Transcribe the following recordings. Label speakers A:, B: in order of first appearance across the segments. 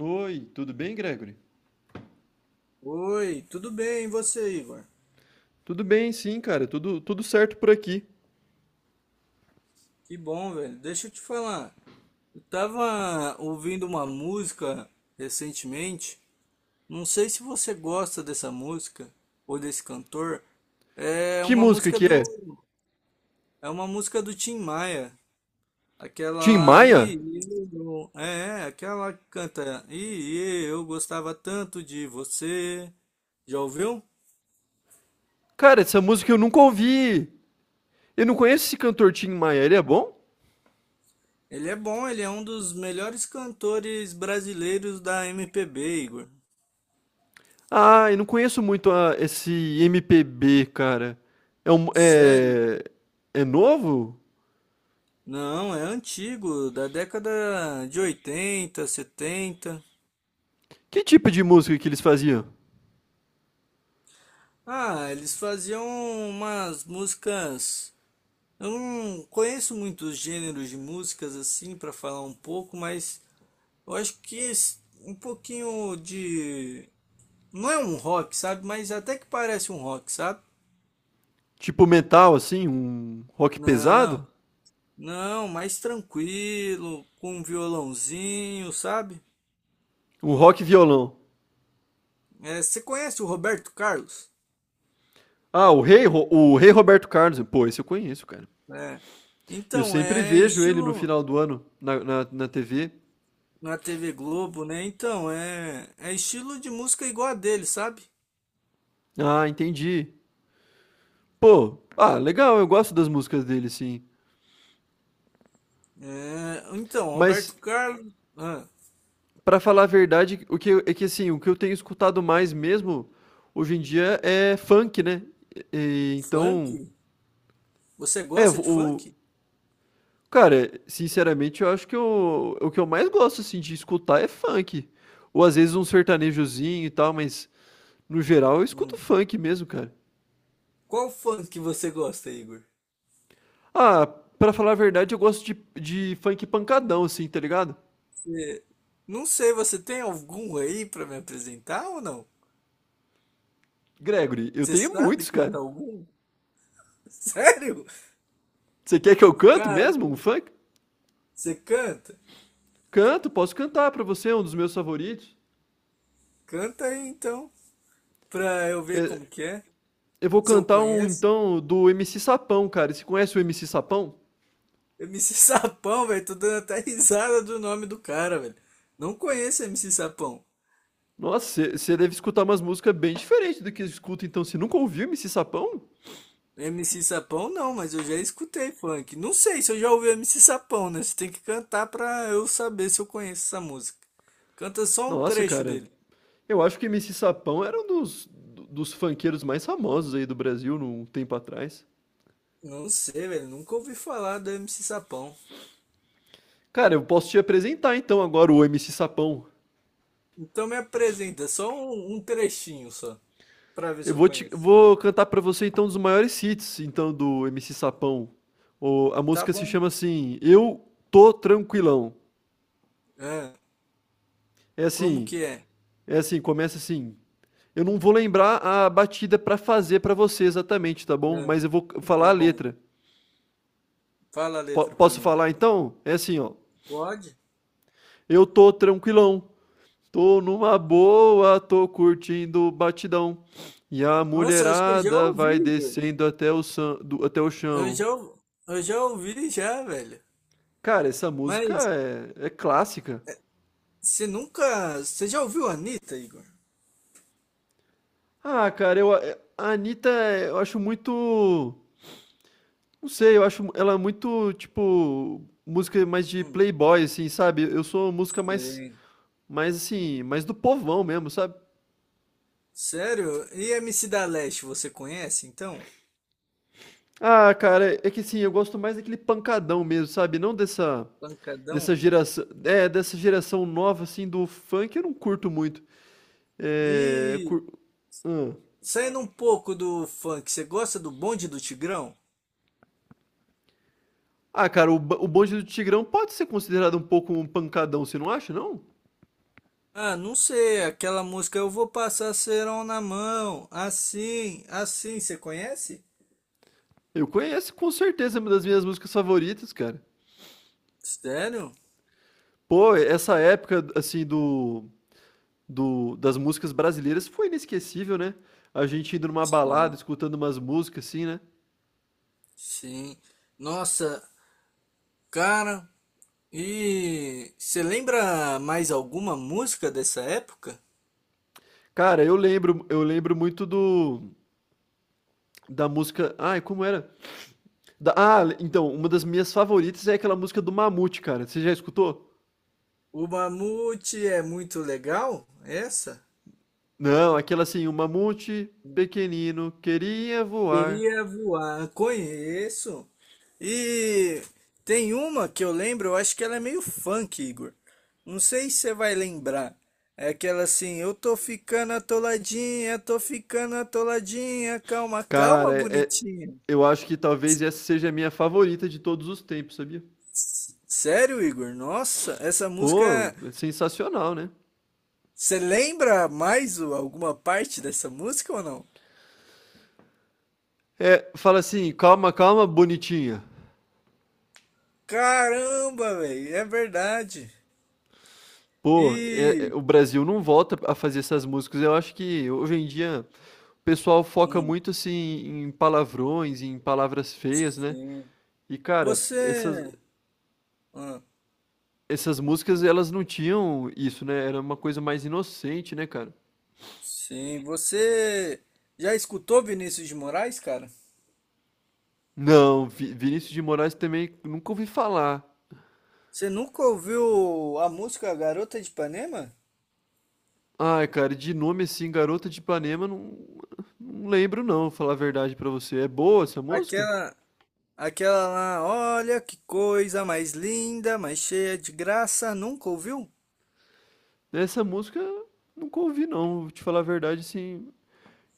A: Oi, tudo bem, Gregory?
B: Oi, tudo bem? E você, Igor?
A: Tudo bem, sim, cara, tudo certo por aqui.
B: Que bom, velho. Deixa eu te falar. Eu tava ouvindo uma música recentemente. Não sei se você gosta dessa música ou desse cantor. É
A: Que
B: uma
A: música
B: música
A: que
B: do
A: é?
B: é uma música do Tim Maia.
A: Tim
B: Aquela
A: Maia?
B: e aquela que canta e eu gostava tanto de você. Já ouviu?
A: Cara, essa música eu nunca ouvi. Eu não conheço esse cantor Tim Maia, ele é bom?
B: Ele é bom, ele é um dos melhores cantores brasileiros da MPB, Igor.
A: Ah, eu não conheço muito esse MPB, cara. É, um,
B: Sério?
A: é, é novo?
B: Não, é antigo, da década de 80, 70.
A: Que tipo de música que eles faziam?
B: Ah, eles faziam umas músicas. Eu não conheço muitos gêneros de músicas assim para falar um pouco, mas eu acho que um pouquinho de. Não é um rock, sabe? Mas até que parece um rock, sabe?
A: Tipo metal, assim? Um rock
B: Não,
A: pesado?
B: não, mais tranquilo, com um violãozinho, sabe?
A: Um rock violão?
B: É, você conhece o Roberto Carlos?
A: O Rei Roberto Carlos. Pô, esse eu conheço, cara.
B: É.
A: Eu
B: Então,
A: sempre
B: é
A: vejo ele no
B: estilo
A: final do ano na TV.
B: na TV Globo, né? Então, é estilo de música igual a dele, sabe?
A: Ah, entendi. Pô, ah, legal, eu gosto das músicas dele, sim.
B: É, então, Roberto
A: Mas,
B: Carlos,
A: pra falar a verdade, é que assim, o que eu tenho escutado mais mesmo hoje em dia é funk, né?
B: funk?
A: Então,
B: Você
A: é,
B: gosta de
A: o
B: funk?
A: cara, sinceramente, eu acho que eu, o que eu mais gosto assim de escutar é funk. Ou às vezes um sertanejozinho e tal, mas no geral eu escuto
B: Hum.
A: funk mesmo, cara.
B: Qual funk você gosta, Igor?
A: Ah, pra falar a verdade, de funk pancadão, assim, tá ligado?
B: Você- não sei, você tem algum aí pra me apresentar ou não?
A: Gregory, eu
B: Você
A: tenho
B: sabe
A: muitos,
B: cantar
A: cara.
B: algum? Sério?
A: Você quer que eu canto
B: Caramba,
A: mesmo um funk?
B: você canta?
A: Canto, posso cantar pra você, é um dos meus favoritos.
B: Canta aí então, pra eu ver
A: É,
B: como que é,
A: eu vou
B: se eu
A: cantar um,
B: conheço.
A: então, do MC Sapão, cara. Você conhece o MC Sapão?
B: MC Sapão, velho. Tô dando até risada do nome do cara, velho. Não conheço MC Sapão.
A: Nossa, você deve escutar umas músicas bem diferentes do que eu escuto, então. Você nunca ouviu MC Sapão?
B: MC Sapão não, mas eu já escutei funk. Não sei se eu já ouvi MC Sapão, né? Você tem que cantar pra eu saber se eu conheço essa música. Canta só um
A: Nossa,
B: trecho
A: cara.
B: dele.
A: Eu acho que MC Sapão era um dos funkeiros mais famosos aí do Brasil num tempo atrás.
B: Não sei, velho. Nunca ouvi falar do MC Sapão.
A: Cara, eu posso te apresentar então agora o MC Sapão.
B: Então me apresenta só um, um trechinho só, pra ver se eu conheço.
A: Vou cantar pra você então um dos maiores hits então do MC Sapão. A
B: Tá
A: música se
B: bom.
A: chama assim, Eu Tô Tranquilão.
B: Ah,
A: É
B: como
A: assim,
B: que é?
A: é assim, começa assim. Eu não vou lembrar a batida pra fazer pra você exatamente, tá bom?
B: Ah,
A: Mas falar
B: tá
A: a
B: bom.
A: letra.
B: Fala a letra pra
A: Posso
B: mim.
A: falar então? É assim, ó.
B: Pode?
A: Eu tô tranquilão, tô numa boa, tô curtindo o batidão. E a
B: Nossa, eu acho que eu já
A: mulherada vai
B: ouvi, Igor.
A: descendo até até o
B: Eu
A: chão.
B: já, ou- eu já ouvi já, velho.
A: Cara, essa música
B: Mas
A: é clássica.
B: você nunca. Você já ouviu a Anitta, Igor?
A: Ah, cara, eu, a A Anitta, eu acho muito. Não sei, eu acho ela muito, tipo, música mais de
B: Hum,
A: playboy, assim, sabe? Eu sou música mais,
B: sim.
A: Mais assim, mais do povão mesmo, sabe?
B: Sério? E MC da Leste, você conhece então?
A: Ah, cara, é que assim, eu gosto mais daquele pancadão mesmo, sabe? Não dessa.
B: Pancadão?
A: Dessa geração nova, assim, do funk, eu não curto muito. É,
B: E
A: cur- hum.
B: saindo um pouco do funk, você gosta do Bonde do Tigrão?
A: Ah, cara, o Bonde do Tigrão pode ser considerado um pouco um pancadão, você não acha, não?
B: Ah, não sei, aquela música Eu Vou Passar Cerol na Mão, assim, assim, você conhece?
A: Eu conheço com certeza uma das minhas músicas favoritas, cara.
B: Sério?
A: Pô, essa época, assim, das músicas brasileiras foi inesquecível, né? A gente indo numa balada,
B: Sim,
A: escutando umas músicas, assim, né?
B: sim. Nossa, cara, e você lembra mais alguma música dessa época?
A: Cara, eu lembro muito do, da música. Ai, como era? Ah, então, uma das minhas favoritas é aquela música do Mamute, cara. Você já escutou?
B: O Mamute é muito legal, essa?
A: Não, aquela assim, o Mamute pequenino queria voar.
B: Queria voar, conheço. E tem uma que eu lembro, eu acho que ela é meio funk, Igor. Não sei se você vai lembrar. É aquela assim, eu tô ficando atoladinha, calma, calma,
A: Cara,
B: bonitinha.
A: eu acho que talvez essa seja a minha favorita de todos os tempos, sabia?
B: Sério, Igor? Nossa, essa
A: Pô,
B: música.
A: é sensacional, né?
B: Você lembra mais alguma parte dessa música ou não?
A: É, fala assim, calma, calma, bonitinha.
B: Caramba, velho, é verdade.
A: Pô, é,
B: E.
A: o Brasil não volta a fazer essas músicas. Eu acho que hoje em dia o pessoal foca
B: Hum,
A: muito assim em palavrões, em palavras feias, né?
B: sim.
A: E, cara, essas,
B: Você. Ah,
A: Essas músicas, elas não tinham isso, né? Era uma coisa mais inocente, né, cara?
B: sim, você já escutou Vinícius de Moraes, cara?
A: Não, Vinícius de Moraes também nunca ouvi falar.
B: Você nunca ouviu a música Garota de Ipanema?
A: Ai, cara, de nome assim, Garota de Ipanema, não, não lembro não, falar a verdade pra você. É boa essa música?
B: Aquela, aquela lá, olha que coisa mais linda, mais cheia de graça, nunca ouviu?
A: Essa música nunca ouvi não, vou te falar a verdade assim.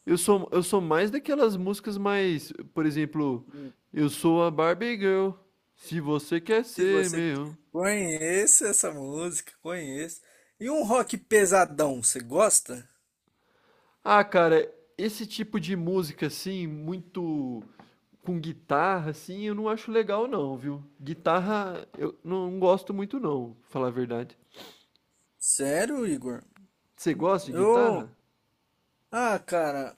A: Eu sou mais daquelas músicas mais, por exemplo, eu sou a Barbie Girl, se você quer
B: Se
A: ser
B: você
A: meu.
B: conhece essa música, conhece. E um rock pesadão, você gosta?
A: Ah, cara, esse tipo de música assim, muito com guitarra assim, eu não acho legal não, viu? Guitarra eu não gosto muito não, pra falar a verdade.
B: Sério, Igor?
A: Você gosta de
B: Eu,
A: guitarra?
B: ah, cara,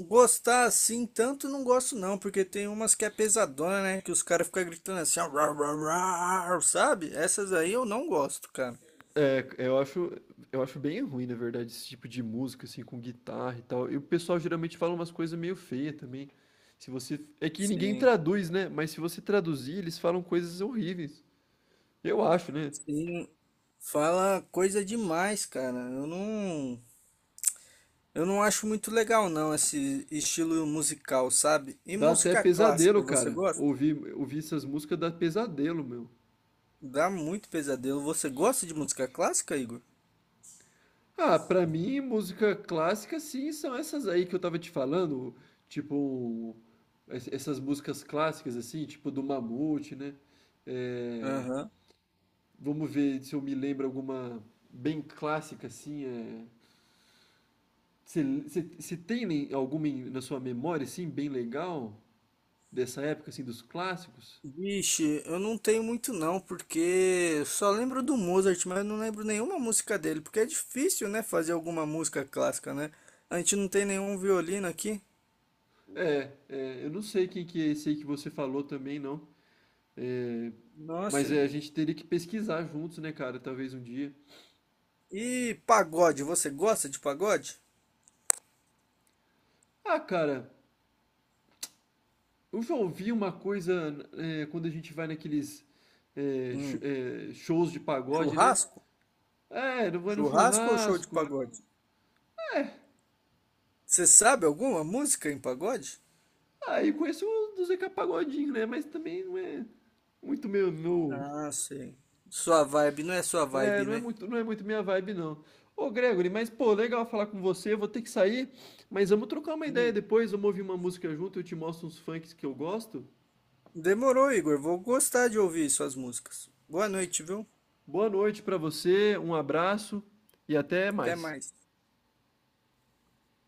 B: gostar assim tanto não gosto não, porque tem umas que é pesadona, né? Que os caras ficam gritando assim, ó, "Rau, rau, rau", sabe? Essas aí eu não gosto, cara.
A: É, eu acho bem ruim, na verdade, esse tipo de música assim com guitarra e tal. E o pessoal geralmente fala umas coisas meio feias também. Se você, é que ninguém
B: Sim,
A: traduz, né? Mas se você traduzir, eles falam coisas horríveis. Eu acho, né?
B: sim. Fala coisa demais, cara. Eu não acho muito legal não esse estilo musical, sabe? E
A: Dá até
B: música
A: pesadelo,
B: clássica, você
A: cara.
B: gosta?
A: Ouvir essas músicas dá pesadelo, meu.
B: Dá muito pesadelo. Você gosta de música clássica, Igor?
A: Ah, pra mim, música clássica, sim, são essas aí que eu tava te falando, tipo, essas músicas clássicas, assim, tipo do Mamute, né? É,
B: Aham.
A: vamos ver se eu me lembro alguma bem clássica, assim, é... Se tem nem- alguma na sua memória, assim, bem legal, dessa época, assim, dos clássicos?
B: Vixe, eu não tenho muito não, porque eu só lembro do Mozart, mas eu não lembro nenhuma música dele, porque é difícil, né, fazer alguma música clássica, né? A gente não tem nenhum violino aqui.
A: É, eu não sei quem que é esse aí que você falou também, não. É,
B: Nossa,
A: mas é, a
B: Igor.
A: gente teria que pesquisar juntos, né, cara? Talvez um dia.
B: E pagode, você gosta de pagode?
A: Ah, cara, eu já ouvi uma coisa é, quando a gente vai naqueles
B: Hum.
A: shows de pagode, né?
B: Churrasco?
A: É, não vai no
B: Churrasco ou show de
A: churrasco.
B: pagode? Você sabe alguma música em pagode?
A: Aí eu conheço o do Zeca Pagodinho, né? Mas também não é muito meu, meu...
B: Ah, sei. Sua vibe não é sua
A: É,
B: vibe, né?
A: não é muito minha vibe, não. Ô, Gregory, mas pô, legal falar com você. Eu vou ter que sair, mas vamos trocar uma ideia depois. Vamos ouvir uma música junto. Eu te mostro uns funks que eu gosto.
B: Demorou, Igor. Vou gostar de ouvir suas músicas. Boa noite, viu?
A: Boa noite pra você, um abraço e até
B: Até
A: mais.
B: mais.